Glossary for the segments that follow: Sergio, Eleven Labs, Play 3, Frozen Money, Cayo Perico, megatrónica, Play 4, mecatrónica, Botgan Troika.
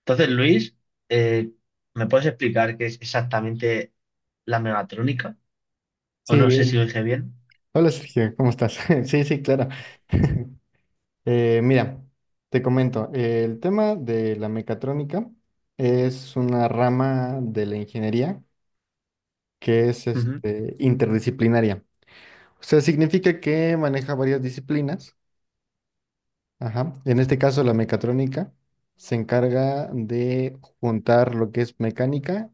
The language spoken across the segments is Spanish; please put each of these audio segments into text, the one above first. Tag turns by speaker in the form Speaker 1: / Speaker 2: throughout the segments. Speaker 1: Entonces, Luis, eh, ¿me puedes explicar qué es exactamente la megatrónica? O
Speaker 2: Sí,
Speaker 1: no sé si lo dije bien.
Speaker 2: hola Sergio, ¿cómo estás? Sí, sí, claro. Mira, te comento, el tema de la mecatrónica es una rama de la ingeniería que es
Speaker 1: Ujú.
Speaker 2: este, interdisciplinaria. O sea, significa que maneja varias disciplinas. Ajá. En este caso, la mecatrónica se encarga de juntar lo que es mecánica,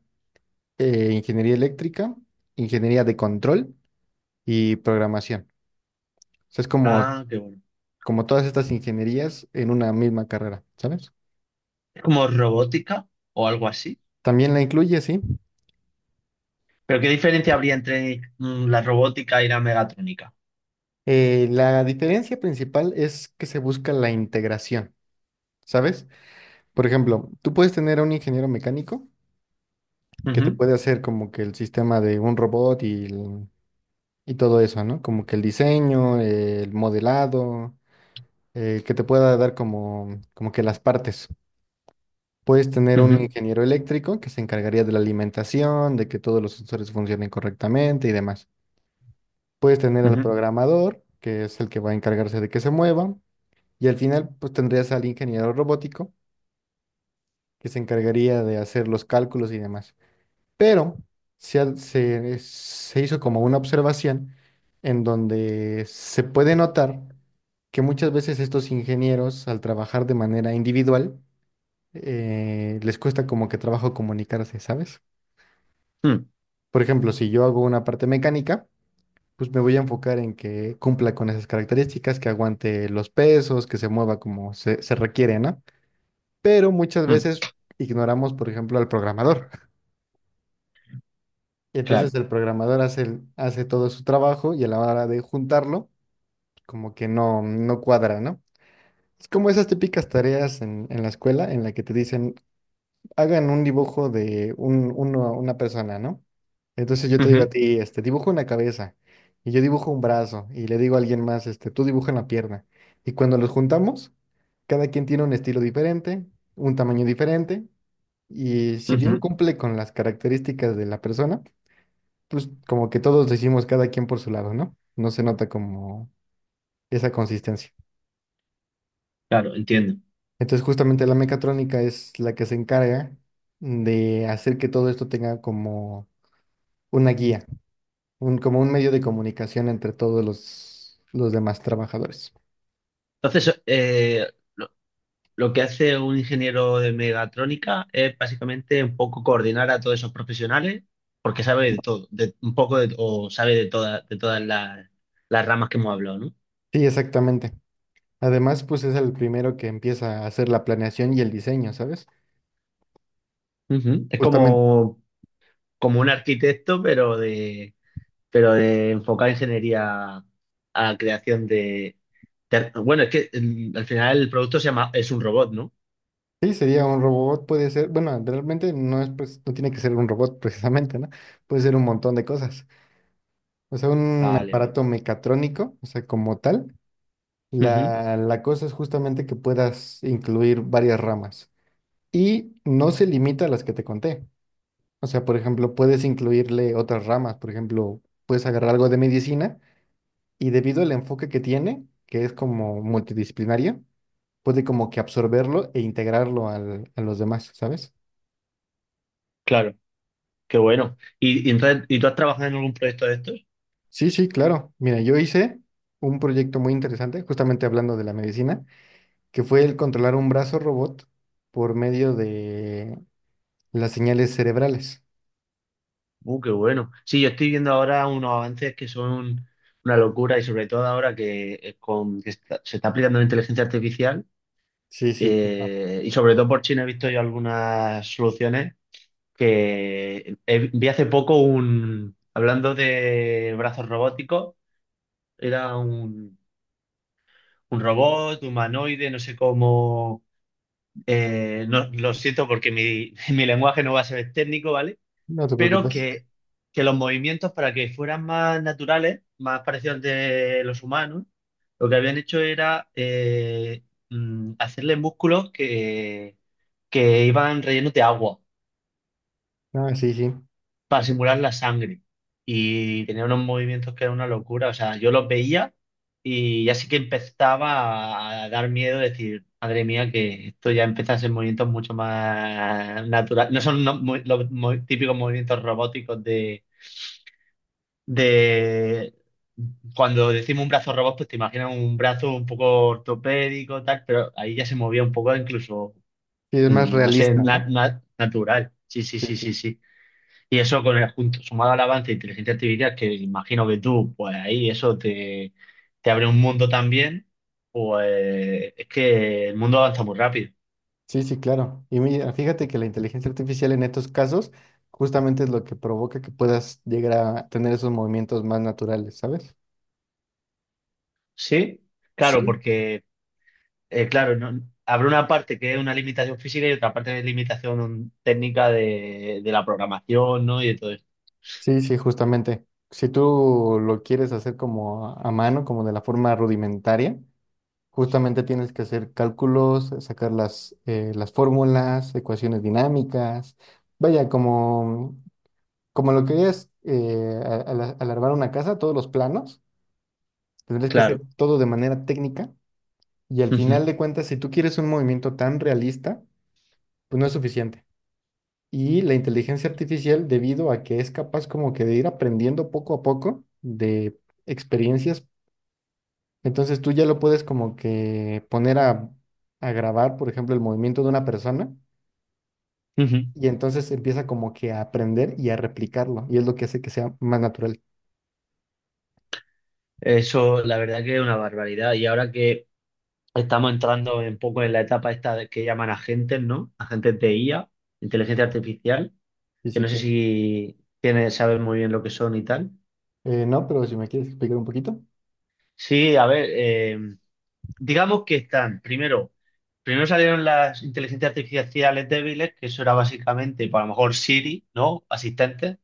Speaker 2: ingeniería eléctrica, ingeniería de control y programación. O sea, es como
Speaker 1: Ah, qué bueno.
Speaker 2: como todas estas ingenierías, en una misma carrera, ¿sabes?
Speaker 1: ¿Es como robótica o algo así?
Speaker 2: También la incluye, sí.
Speaker 1: ¿Pero qué diferencia habría entre la robótica y la megatrónica?
Speaker 2: La diferencia principal es que se busca la integración, ¿sabes? Por ejemplo, tú puedes tener a un ingeniero mecánico que te
Speaker 1: Ujú,
Speaker 2: puede hacer como que el sistema de un robot y, y todo eso, ¿no? Como que el diseño, el modelado, que te pueda dar como, como que las partes. Puedes tener un
Speaker 1: ujú,
Speaker 2: ingeniero eléctrico que se encargaría de la alimentación, de que todos los sensores funcionen correctamente y demás. Puedes tener al
Speaker 1: ujú,
Speaker 2: programador, que es el que va a encargarse de que se mueva, y al final pues tendrías al ingeniero robótico, que se encargaría de hacer los cálculos y demás. Pero se hizo como una observación en donde se puede notar que muchas veces estos ingenieros, al trabajar de manera individual, les cuesta como que trabajo comunicarse, ¿sabes?
Speaker 1: mm,
Speaker 2: Por ejemplo, si yo hago una parte mecánica, pues me voy a enfocar en que cumpla con esas características, que aguante los pesos, que se mueva como se requiere, ¿no? Pero muchas
Speaker 1: mm,
Speaker 2: veces ignoramos, por ejemplo, al programador. Y
Speaker 1: claro.
Speaker 2: entonces el programador hace, hace todo su trabajo y a la hora de juntarlo, como que no cuadra, ¿no? Es como esas típicas tareas en la escuela en la que te dicen, hagan un dibujo de una persona, ¿no? Entonces yo te digo a
Speaker 1: Ujú,
Speaker 2: ti, este, dibujo una cabeza y yo dibujo un brazo y le digo a alguien más, este, tú dibuja una pierna. Y cuando los juntamos, cada quien tiene un estilo diferente, un tamaño diferente y si bien
Speaker 1: ujú,
Speaker 2: cumple con las características de la persona, pues como que todos decimos cada quien por su lado, ¿no? No se nota como esa consistencia.
Speaker 1: claro, entiendo.
Speaker 2: Entonces justamente la mecatrónica es la que se encarga de hacer que todo esto tenga como una guía, un, como un medio de comunicación entre todos los demás trabajadores.
Speaker 1: Entonces, lo que hace un ingeniero de megatrónica es básicamente un poco coordinar a todos esos profesionales, porque sabe de todo, de, un poco de, o sabe de todas las ramas que hemos hablado, ¿no?
Speaker 2: Sí, exactamente. Además, pues es el primero que empieza a hacer la planeación y el diseño, ¿sabes?
Speaker 1: Ujú. Es
Speaker 2: Justamente,
Speaker 1: como, como un arquitecto, pero de enfocar ingeniería a creación de- Bueno, es que al final el producto se llama, es un robot, ¿no?
Speaker 2: sí, sería un robot, puede ser, bueno, realmente no es, pues, no tiene que ser un robot precisamente, ¿no? Puede ser un montón de cosas. O sea, un
Speaker 1: Vale, vale.
Speaker 2: aparato mecatrónico, o sea, como tal,
Speaker 1: Ujú,
Speaker 2: la cosa es justamente que puedas incluir varias ramas y no se limita a las que te conté. O sea, por ejemplo, puedes incluirle otras ramas, por ejemplo, puedes agarrar algo de medicina y debido al enfoque que tiene, que es como multidisciplinario, puede como que absorberlo e integrarlo a los demás, ¿sabes?
Speaker 1: claro, qué bueno. ¿Y entonces, ¿y tú has trabajado en algún proyecto de estos?
Speaker 2: Sí, sí, claro. Mira, yo hice un proyecto muy interesante, justamente hablando de la medicina, que fue el controlar un brazo robot por medio de las señales cerebrales.
Speaker 1: Qué bueno. Sí, yo estoy viendo ahora unos avances que son una locura y sobre todo ahora que, con, que está- se está aplicando la inteligencia artificial
Speaker 2: Sí, sí, claro.
Speaker 1: y sobre todo por China he visto yo algunas soluciones que he- vi hace poco un, hablando de brazos robóticos, era un robot humanoide, no sé cómo, no, lo siento porque mi, mi lenguaje no va a ser técnico, ¿vale?
Speaker 2: No te
Speaker 1: Pero
Speaker 2: preocupes.
Speaker 1: que los movimientos, para que fueran más naturales, más parecidos al de los humanos, lo que habían hecho era hacerle músculos que iban rellenos de agua
Speaker 2: Ah, sí, sí.
Speaker 1: para simular la sangre. Y tenía unos movimientos que era una locura. O sea, yo los veía y ya así que empezaba a dar miedo, decir, madre mía, que esto ya empieza a ser movimientos mucho más naturales. No son no- mo- los mo- típicos movimientos robóticos de cuando decimos un brazo robot, pues te imaginas un brazo un poco ortopédico, tal, pero ahí ya se movía un poco incluso,
Speaker 2: Sí, es más
Speaker 1: no sé,
Speaker 2: realista,
Speaker 1: na-
Speaker 2: ¿no?
Speaker 1: na- natural. Sí, sí,
Speaker 2: Sí,
Speaker 1: sí,
Speaker 2: sí.
Speaker 1: sí, sí. Y eso con el junto, sumado al avance de inteligencia artificial, que imagino que tú, pues ahí eso te, te abre un mundo también, pues es que el mundo avanza muy rápido.
Speaker 2: Sí, sí, claro. Y mira, fíjate que la inteligencia artificial en estos casos justamente es lo que provoca que puedas llegar a tener esos movimientos más naturales, ¿sabes?
Speaker 1: Sí, claro,
Speaker 2: Sí.
Speaker 1: porque claro, no- habrá una parte que es una limitación física y otra parte de limitación técnica de la programación, ¿no? Y de todo esto.
Speaker 2: Sí, sí, justamente. Si tú lo quieres hacer como a mano, como de la forma rudimentaria, justamente tienes que hacer cálculos, sacar las fórmulas, ecuaciones dinámicas, vaya, como lo que es alargar una casa, todos los planos, tendrías que hacer
Speaker 1: Claro.
Speaker 2: todo de manera técnica. Y al
Speaker 1: Ujú,
Speaker 2: final de cuentas, si tú quieres un movimiento tan realista, pues no es suficiente. Y la inteligencia artificial, debido a que es capaz como que de ir aprendiendo poco a poco de experiencias, entonces tú ya lo puedes como que poner a grabar, por ejemplo, el movimiento de una persona
Speaker 1: ujú.
Speaker 2: y entonces empieza como que a aprender y a replicarlo. Y es lo que hace que sea más natural.
Speaker 1: Eso, la verdad que es una barbaridad. Y ahora que estamos entrando un poco en la etapa esta de- que llaman agentes, ¿no? Agentes de IA, inteligencia artificial,
Speaker 2: Y
Speaker 1: que
Speaker 2: sí,
Speaker 1: no sé
Speaker 2: claro.
Speaker 1: si tienes, sabes muy bien lo que son y tal.
Speaker 2: No, pero si me quieres explicar un poquito.
Speaker 1: Sí, a ver, digamos que están, primero, primero salieron las inteligencias artificiales débiles, que eso era básicamente, pues, a lo mejor Siri, ¿no? Asistentes,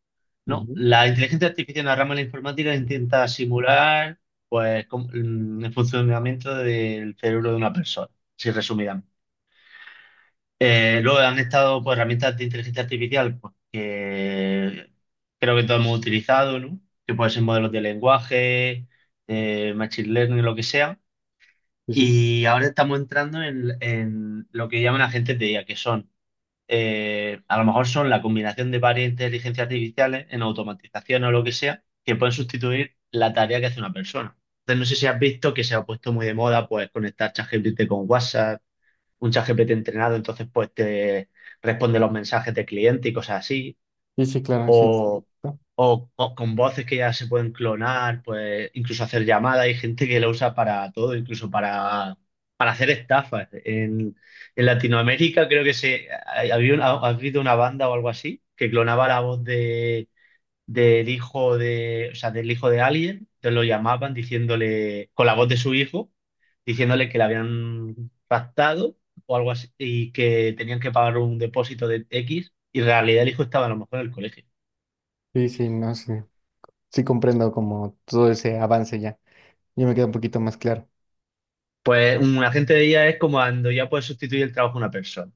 Speaker 1: ¿no?
Speaker 2: Ujú.
Speaker 1: La inteligencia artificial en la rama de la informática intenta simular, pues, com- el funcionamiento del cerebro de una persona, si resumidamente. Luego han estado, pues, herramientas de inteligencia artificial, pues, que creo que todos hemos utilizado, ¿no? Que pueden ser modelos de lenguaje, machine learning, lo que sea,
Speaker 2: Sí, sí.
Speaker 1: y ahora estamos entrando en lo que llaman agentes de IA, que son, a lo mejor son la combinación de varias inteligencias artificiales en automatización o lo que sea, que pueden sustituir la tarea que hace una persona. Entonces, no sé si has visto que se ha puesto muy de moda, pues, conectar ChatGPT con WhatsApp, un ChatGPT entrenado, entonces, pues, te responde los mensajes de cliente y cosas así,
Speaker 2: Sí, sí, claro, sí. Sí,
Speaker 1: o, o co- con voces que ya se pueden clonar, pues incluso hacer llamadas. Hay gente que lo usa para todo, incluso para hacer estafas. En Latinoamérica creo que se ha- había una- ha habido una banda o algo así que clonaba la voz de, del hijo de, o sea, del hijo de alguien, entonces lo llamaban diciéndole, con la voz de su hijo, diciéndole que le habían raptado o algo así y que tenían que pagar un depósito de X y en realidad el hijo estaba a lo mejor en el colegio.
Speaker 2: sí, sí, no, sí. Sí, comprendo como todo ese avance ya. Yo me queda un poquito más claro.
Speaker 1: Pues un agente de IA es como cuando ya puedes sustituir el trabajo de una persona.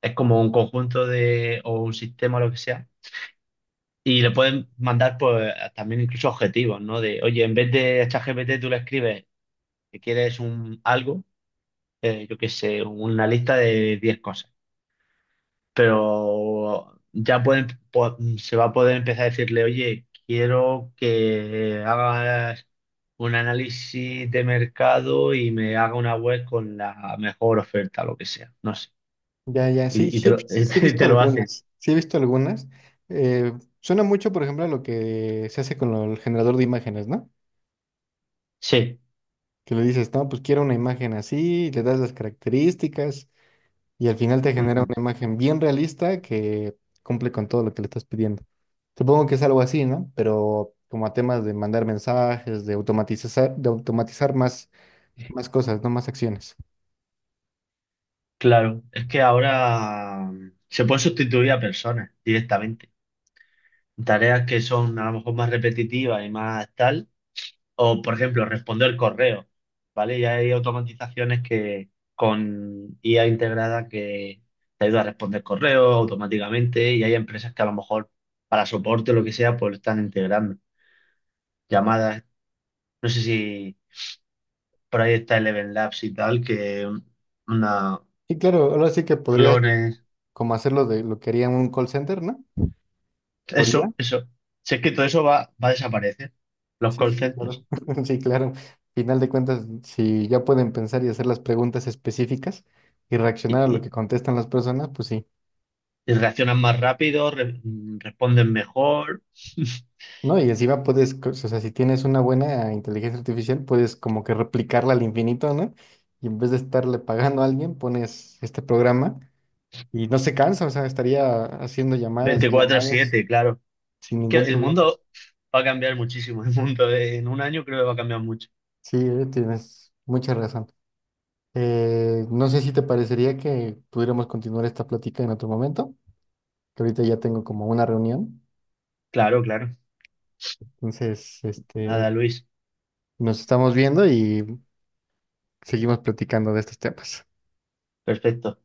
Speaker 1: Es como un conjunto de, o un sistema, lo que sea. Y le pueden mandar pues también incluso objetivos, ¿no? De, oye, en vez de ChatGPT tú le escribes que quieres un algo, yo qué sé, una lista de 10 cosas. Pero ya pueden, po- se va a poder empezar a decirle, oye, quiero que hagas un análisis de mercado y me haga una web con la mejor oferta, lo que sea. No sé.
Speaker 2: Ya, ya, sí,
Speaker 1: Y, y
Speaker 2: sí,
Speaker 1: te lo,
Speaker 2: sí
Speaker 1: y te lo hacen.
Speaker 2: sí he visto algunas. Eh, suena mucho, por ejemplo, a lo que se hace con el generador de imágenes, ¿no?
Speaker 1: Sí,
Speaker 2: Que le dices, no, pues quiero una imagen así, le das las características y al final te genera
Speaker 1: ujú,
Speaker 2: una imagen bien realista que cumple con todo lo que le estás pidiendo. Supongo que es algo así, ¿no? Pero como a temas de mandar mensajes, de automatizar, más cosas, ¿no? Más acciones.
Speaker 1: claro. Es que ahora se pueden sustituir a personas directamente. Tareas que son a lo mejor más repetitivas y más tal, o por ejemplo, responder correo, ¿vale? Ya hay automatizaciones que con IA integrada que te ayuda a responder correo automáticamente y hay empresas que a lo mejor para soporte o lo que sea, pues lo están integrando. Llamadas, no sé si por ahí está Eleven Labs y tal, que una,
Speaker 2: Y claro, ahora sí que podrías
Speaker 1: clones.
Speaker 2: como hacerlo de lo que haría en un call center, ¿no? ¿Por IA?
Speaker 1: Eso, eso. Si es que todo eso va, va a desaparecer. Los
Speaker 2: Sí,
Speaker 1: call
Speaker 2: sí,
Speaker 1: centers.
Speaker 2: claro. Sí, claro. Final de cuentas, si ya pueden pensar y hacer las preguntas específicas y reaccionar
Speaker 1: Y,
Speaker 2: a lo que
Speaker 1: y-
Speaker 2: contestan las personas, pues sí.
Speaker 1: y reaccionan más rápido, re- responden mejor.
Speaker 2: No, y encima puedes, o sea, si tienes una buena inteligencia artificial, puedes como que replicarla al infinito, ¿no? Y en vez de estarle pagando a alguien, pones este programa y no se cansa, o sea, estaría haciendo llamadas y
Speaker 1: veinticuatro
Speaker 2: llamadas
Speaker 1: siete claro.
Speaker 2: sin
Speaker 1: Que
Speaker 2: ningún
Speaker 1: el
Speaker 2: problema.
Speaker 1: mundo va a cambiar muchísimo. El mundo de- en un año creo que va a cambiar mucho.
Speaker 2: Sí, tienes mucha razón. No sé si te parecería que pudiéramos continuar esta plática en otro momento, que ahorita ya tengo como una reunión.
Speaker 1: Claro, claro.
Speaker 2: Entonces, este,
Speaker 1: Nada, Luis.
Speaker 2: nos estamos viendo y seguimos platicando de estos temas.
Speaker 1: Perfecto.